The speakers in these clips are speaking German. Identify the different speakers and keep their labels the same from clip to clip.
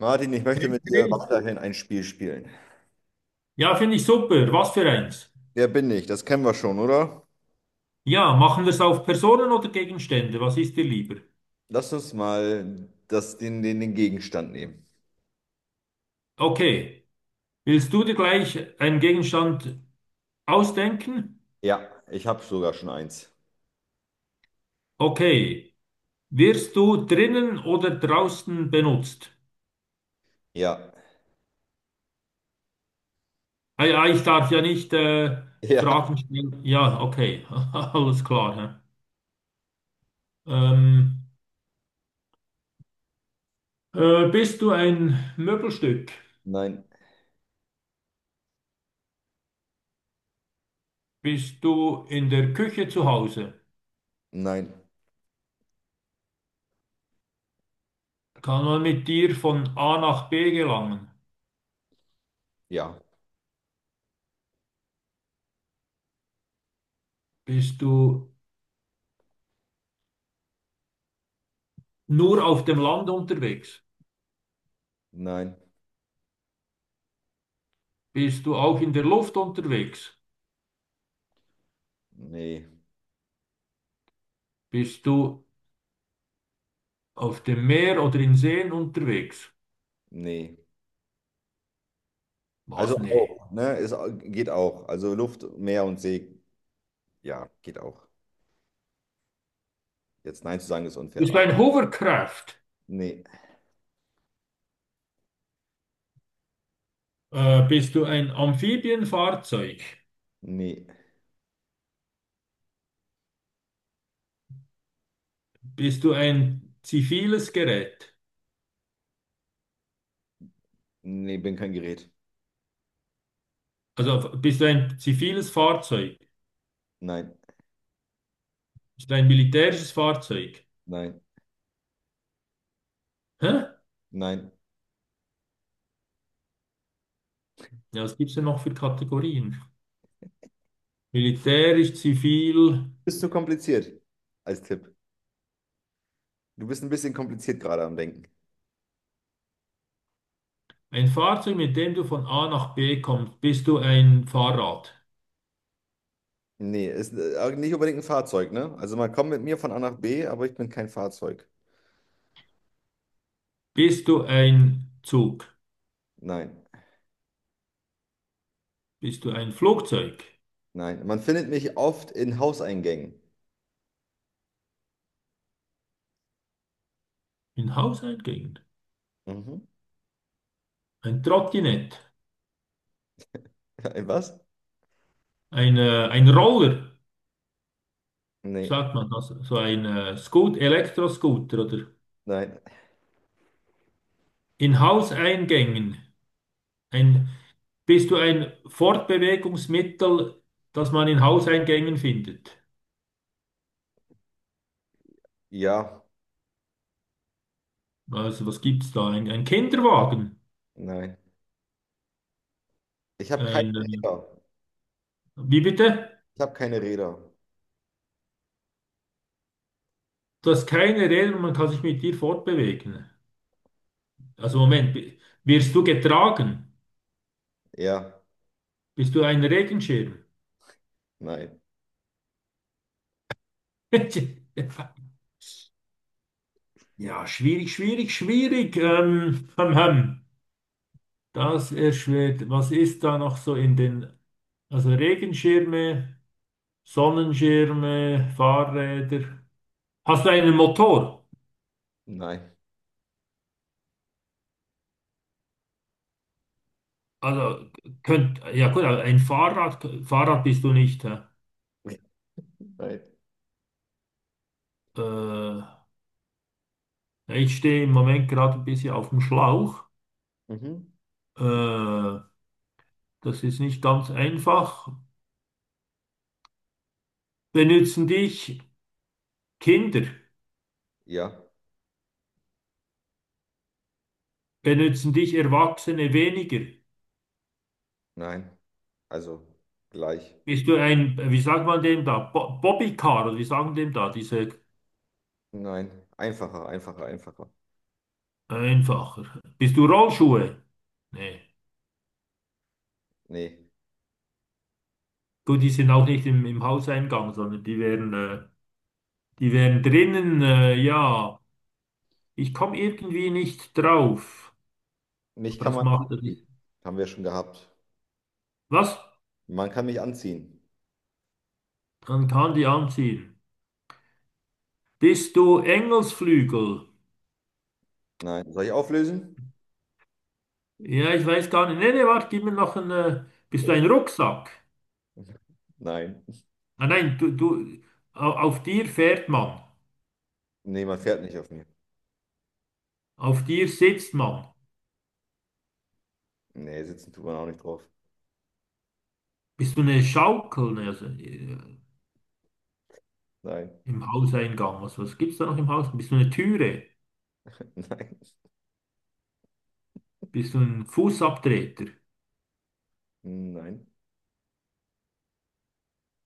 Speaker 1: Martin, ich möchte
Speaker 2: Hey
Speaker 1: mit dir
Speaker 2: Chris.
Speaker 1: weiterhin ein Spiel spielen.
Speaker 2: Ja, finde ich super. Was für eins?
Speaker 1: Wer bin ich? Das kennen wir schon, oder?
Speaker 2: Ja, machen wir es auf Personen oder Gegenstände? Was ist dir lieber?
Speaker 1: Lass uns mal den Gegenstand nehmen.
Speaker 2: Okay. Willst du dir gleich einen Gegenstand ausdenken?
Speaker 1: Ja, ich habe sogar schon eins.
Speaker 2: Okay. Wirst du drinnen oder draußen benutzt?
Speaker 1: Ja,
Speaker 2: Ah, ja, ich darf ja nicht
Speaker 1: ja,
Speaker 2: Fragen stellen. Ja, okay. Alles klar. Hä? Bist du ein Möbelstück?
Speaker 1: nein,
Speaker 2: Bist du in der Küche zu Hause?
Speaker 1: nein,
Speaker 2: Kann man mit dir von A nach B gelangen?
Speaker 1: ja,
Speaker 2: Bist du nur auf dem Land unterwegs?
Speaker 1: nein,
Speaker 2: Bist du auch in der Luft unterwegs?
Speaker 1: nee,
Speaker 2: Bist du auf dem Meer oder in Seen unterwegs?
Speaker 1: nee. Also
Speaker 2: Was? Nee.
Speaker 1: auch, ne? Es geht auch. Also Luft, Meer und See, ja, geht auch. Jetzt Nein zu sagen ist unfair,
Speaker 2: Bist du
Speaker 1: aber
Speaker 2: ein Hovercraft?
Speaker 1: nee,
Speaker 2: Bist du ein Amphibienfahrzeug?
Speaker 1: nee,
Speaker 2: Bist du ein ziviles Gerät?
Speaker 1: nee, bin kein Gerät.
Speaker 2: Also bist du ein ziviles Fahrzeug?
Speaker 1: Nein,
Speaker 2: Bist du ein militärisches Fahrzeug?
Speaker 1: nein,
Speaker 2: Hä?
Speaker 1: nein.
Speaker 2: Ja, was gibt's denn noch für Kategorien? Militärisch, zivil.
Speaker 1: Bist zu kompliziert als Tipp. Du bist ein bisschen kompliziert gerade am Denken.
Speaker 2: Ein Fahrzeug, mit dem du von A nach B kommst. Bist du ein Fahrrad?
Speaker 1: Nee, ist nicht unbedingt ein Fahrzeug, ne? Also man kommt mit mir von A nach B, aber ich bin kein Fahrzeug.
Speaker 2: Bist du ein Zug?
Speaker 1: Nein,
Speaker 2: Bist du ein Flugzeug?
Speaker 1: nein. Man findet mich oft in Hauseingängen.
Speaker 2: Ein Hauseingang?
Speaker 1: Mhm.
Speaker 2: Ein Trottinett?
Speaker 1: In was?
Speaker 2: Ein Roller?
Speaker 1: Nee,
Speaker 2: Sagt man das? So ein Scoot, Elektroscooter oder
Speaker 1: nein.
Speaker 2: in Hauseingängen. Ein, bist du ein Fortbewegungsmittel, das man in Hauseingängen findet?
Speaker 1: Ja,
Speaker 2: Also was gibt's da? Ein Kinderwagen?
Speaker 1: nein. Ich habe keine
Speaker 2: Ein,
Speaker 1: Räder.
Speaker 2: wie bitte?
Speaker 1: Ich habe keine Räder.
Speaker 2: Du hast keine Räder und man kann sich mit dir fortbewegen. Also Moment, wirst du getragen?
Speaker 1: Ja,
Speaker 2: Bist du ein Regenschirm?
Speaker 1: nein,
Speaker 2: Ja, schwierig, schwierig, schwierig. Hm, hm. Das erschwert. Was ist da noch so in den... Also Regenschirme, Sonnenschirme, Fahrräder. Hast du einen Motor?
Speaker 1: nein,
Speaker 2: Also könnt, ja gut, aber ein Fahrrad, Fahrrad bist du nicht. Hä?
Speaker 1: nein.
Speaker 2: Ja, ich stehe im Moment gerade ein bisschen auf dem Schlauch.
Speaker 1: Mhm.
Speaker 2: Äh, das ist nicht ganz einfach. Benutzen dich Kinder,
Speaker 1: Ja,
Speaker 2: benutzen dich Erwachsene weniger?
Speaker 1: nein. Also gleich.
Speaker 2: Bist du ein, wie sagt man dem da, Bo Bobbycar oder wie sagen dem da, diese
Speaker 1: Nein. Einfacher, einfacher, einfacher.
Speaker 2: einfacher? Bist du Rollschuhe? Nee.
Speaker 1: Nee.
Speaker 2: Gut, die sind auch nicht im, im Hauseingang, sondern die wären drinnen, ja. Ich komme irgendwie nicht drauf.
Speaker 1: Mich
Speaker 2: Aber
Speaker 1: kann
Speaker 2: das
Speaker 1: man
Speaker 2: macht er
Speaker 1: anziehen.
Speaker 2: nicht.
Speaker 1: Haben wir schon gehabt.
Speaker 2: Was?
Speaker 1: Man kann mich anziehen.
Speaker 2: Dann kann die anziehen. Bist du Engelsflügel?
Speaker 1: Nein. Soll ich auflösen?
Speaker 2: Ja, ich weiß gar nicht. Nee, nee, warte, gib mir noch einen. Bist du
Speaker 1: Okay.
Speaker 2: ein Rucksack?
Speaker 1: Nein.
Speaker 2: Ah, nein, auf dir fährt man.
Speaker 1: Nee, man fährt nicht auf mir.
Speaker 2: Auf dir sitzt man.
Speaker 1: Nee, sitzen tut man auch nicht drauf.
Speaker 2: Bist du eine Schaukel? Nee, also,
Speaker 1: Nein.
Speaker 2: im Hauseingang. Was, was gibt's da noch im Haus? Bist du eine Türe?
Speaker 1: Nein.
Speaker 2: Bist du ein Fußabtreter?
Speaker 1: Nein.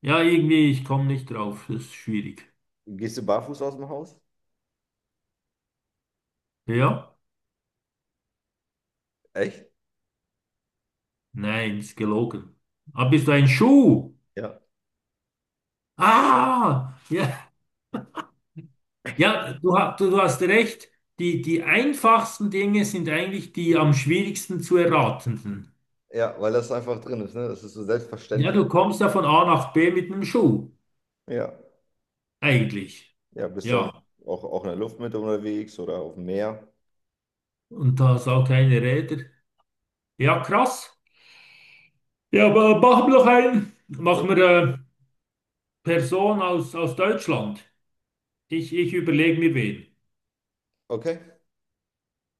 Speaker 2: Ja, irgendwie, ich komme nicht drauf. Das ist schwierig.
Speaker 1: Gehst du barfuß aus dem Haus?
Speaker 2: Ja?
Speaker 1: Echt?
Speaker 2: Nein, ist gelogen. Ah, bist du ein Schuh?
Speaker 1: Ja.
Speaker 2: Ah! Ja. Ja, du, du, du hast recht. Die, die einfachsten Dinge sind eigentlich die am schwierigsten zu erratenden.
Speaker 1: Ja, weil das einfach drin ist, ne? Das ist so
Speaker 2: Ja,
Speaker 1: selbstverständlich.
Speaker 2: du kommst ja von A nach B mit einem Schuh,
Speaker 1: Ja.
Speaker 2: eigentlich.
Speaker 1: Ja, bist du auch,
Speaker 2: Ja,
Speaker 1: in der Luft mit unterwegs oder auf dem Meer?
Speaker 2: und da hast auch keine Räder. Ja, krass. Ja, aber machen wir doch einen.
Speaker 1: Ja.
Speaker 2: Machen wir eine Person aus, aus Deutschland. Ich überlege mir wen.
Speaker 1: Okay.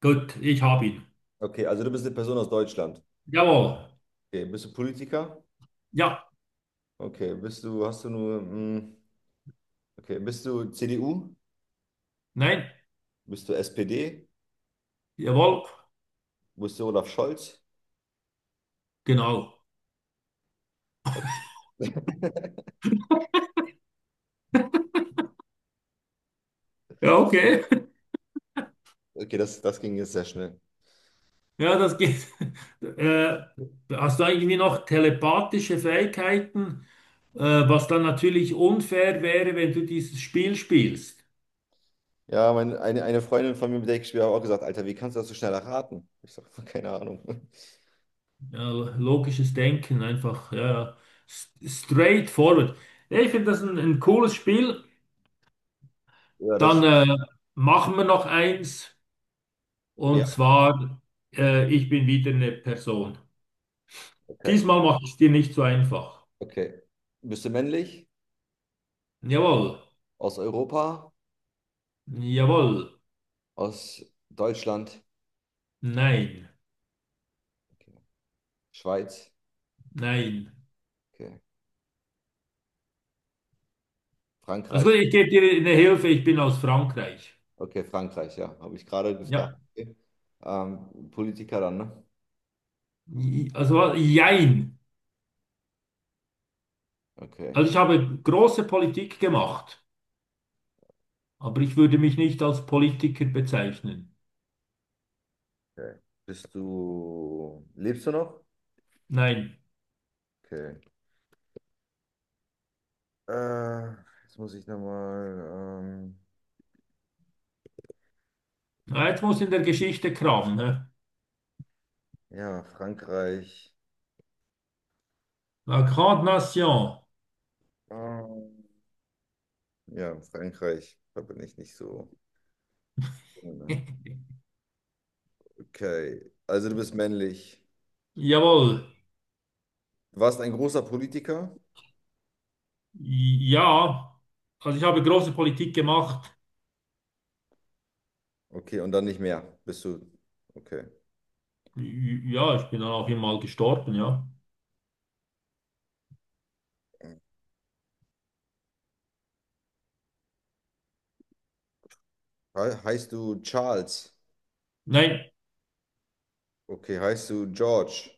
Speaker 2: Gut, ich habe ihn.
Speaker 1: Okay, also du bist eine Person aus Deutschland.
Speaker 2: Jawohl.
Speaker 1: Okay, bist du Politiker?
Speaker 2: Ja,
Speaker 1: Okay, bist du, hast du nur, okay, bist du CDU?
Speaker 2: nein,
Speaker 1: Bist du SPD?
Speaker 2: jawohl,
Speaker 1: Wo ist der Olaf Scholz?
Speaker 2: genau.
Speaker 1: Okay,
Speaker 2: Ja, okay.
Speaker 1: okay das, das ging jetzt sehr schnell.
Speaker 2: Ja, das geht. Äh, hast du irgendwie noch telepathische Fähigkeiten, äh, was dann natürlich unfair wäre, wenn du dieses Spiel spielst.
Speaker 1: Ja, meine, eine Freundin von mir, mit der ich gespielt habe, hat auch gesagt, Alter, wie kannst du das so schnell erraten? Ich sage, keine Ahnung.
Speaker 2: Ja, logisches Denken, einfach ja, ja. Straightforward. Ja, ich finde das ein cooles Spiel.
Speaker 1: Ja, das,
Speaker 2: Dann machen wir noch eins,
Speaker 1: ja,
Speaker 2: und zwar, ich bin wieder eine Person.
Speaker 1: okay,
Speaker 2: Diesmal mache ich es dir nicht so einfach.
Speaker 1: okay. Bist du männlich?
Speaker 2: Jawohl,
Speaker 1: Aus Europa?
Speaker 2: jawohl,
Speaker 1: Aus Deutschland?
Speaker 2: nein,
Speaker 1: Okay. Schweiz?
Speaker 2: nein.
Speaker 1: Okay.
Speaker 2: Also gut,
Speaker 1: Frankreich?
Speaker 2: ich gebe dir eine Hilfe, ich bin aus Frankreich.
Speaker 1: Okay, Frankreich, ja. Habe ich gerade gefragt.
Speaker 2: Ja,
Speaker 1: Okay. Politiker dann, ne?
Speaker 2: also jein.
Speaker 1: Okay.
Speaker 2: Also ich habe große Politik gemacht, aber ich würde mich nicht als Politiker bezeichnen.
Speaker 1: Okay. Bist du, lebst du noch?
Speaker 2: Nein.
Speaker 1: Okay. Äh, jetzt muss ich nochmal. Ähm,
Speaker 2: Ah, jetzt muss in der Geschichte kramen. Ne?
Speaker 1: ja, Frankreich.
Speaker 2: La Grande Nation.
Speaker 1: Ähm, ja, Frankreich. Da bin ich nicht so. Okay. Also du bist männlich.
Speaker 2: Jawohl.
Speaker 1: Du warst ein großer Politiker.
Speaker 2: Ja. Also ich habe große Politik gemacht.
Speaker 1: Okay, und dann nicht mehr. Bist du. Okay.
Speaker 2: Ja, ich bin dann auch immer mal gestorben, ja.
Speaker 1: He heißt du Charles?
Speaker 2: Nein,
Speaker 1: Okay, heißt du George?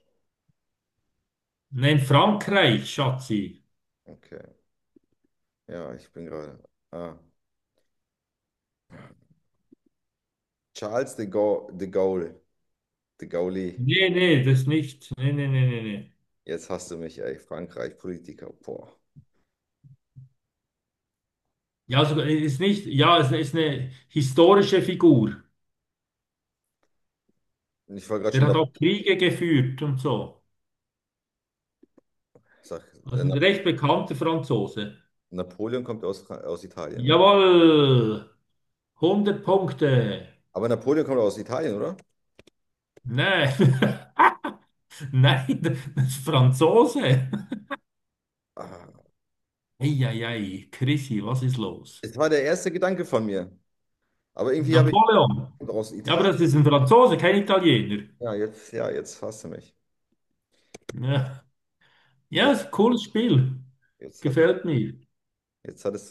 Speaker 2: nein, Frankreich, Schatzi.
Speaker 1: Okay. Ja, ich bin gerade. Ah. Charles de Gaulle. De Gaulle. De Gaulle.
Speaker 2: Nee, nee, das nicht. Nee, nee, nee, nee, nee.
Speaker 1: Jetzt hast du mich, ey. Frankreich, Politiker. Boah.
Speaker 2: Ja, sogar ist nicht, ja, es ist eine historische Figur.
Speaker 1: Ich war gerade
Speaker 2: Der
Speaker 1: schon
Speaker 2: hat
Speaker 1: dabei.
Speaker 2: auch Kriege geführt und so.
Speaker 1: Sag,
Speaker 2: Also
Speaker 1: äh,
Speaker 2: ein recht bekannter Franzose.
Speaker 1: Napoleon kommt aus, aus Italien, ne?
Speaker 2: Jawohl, 100 Punkte.
Speaker 1: Aber Napoleon kommt aus Italien, oder?
Speaker 2: Nein, nein, das ist Franzose.
Speaker 1: Ah,
Speaker 2: Eieiei, Chrissy, was ist los?
Speaker 1: es war der erste Gedanke von mir. Aber irgendwie habe
Speaker 2: Napoleon.
Speaker 1: ich aus
Speaker 2: Ja, aber
Speaker 1: Italien.
Speaker 2: das ist ein Franzose, kein Italiener.
Speaker 1: Ja, jetzt fasst du mich.
Speaker 2: Ja, ja,
Speaker 1: Jetzt,
Speaker 2: ist ein cooles Spiel.
Speaker 1: jetzt hat es,
Speaker 2: Gefällt mir.
Speaker 1: jetzt hat es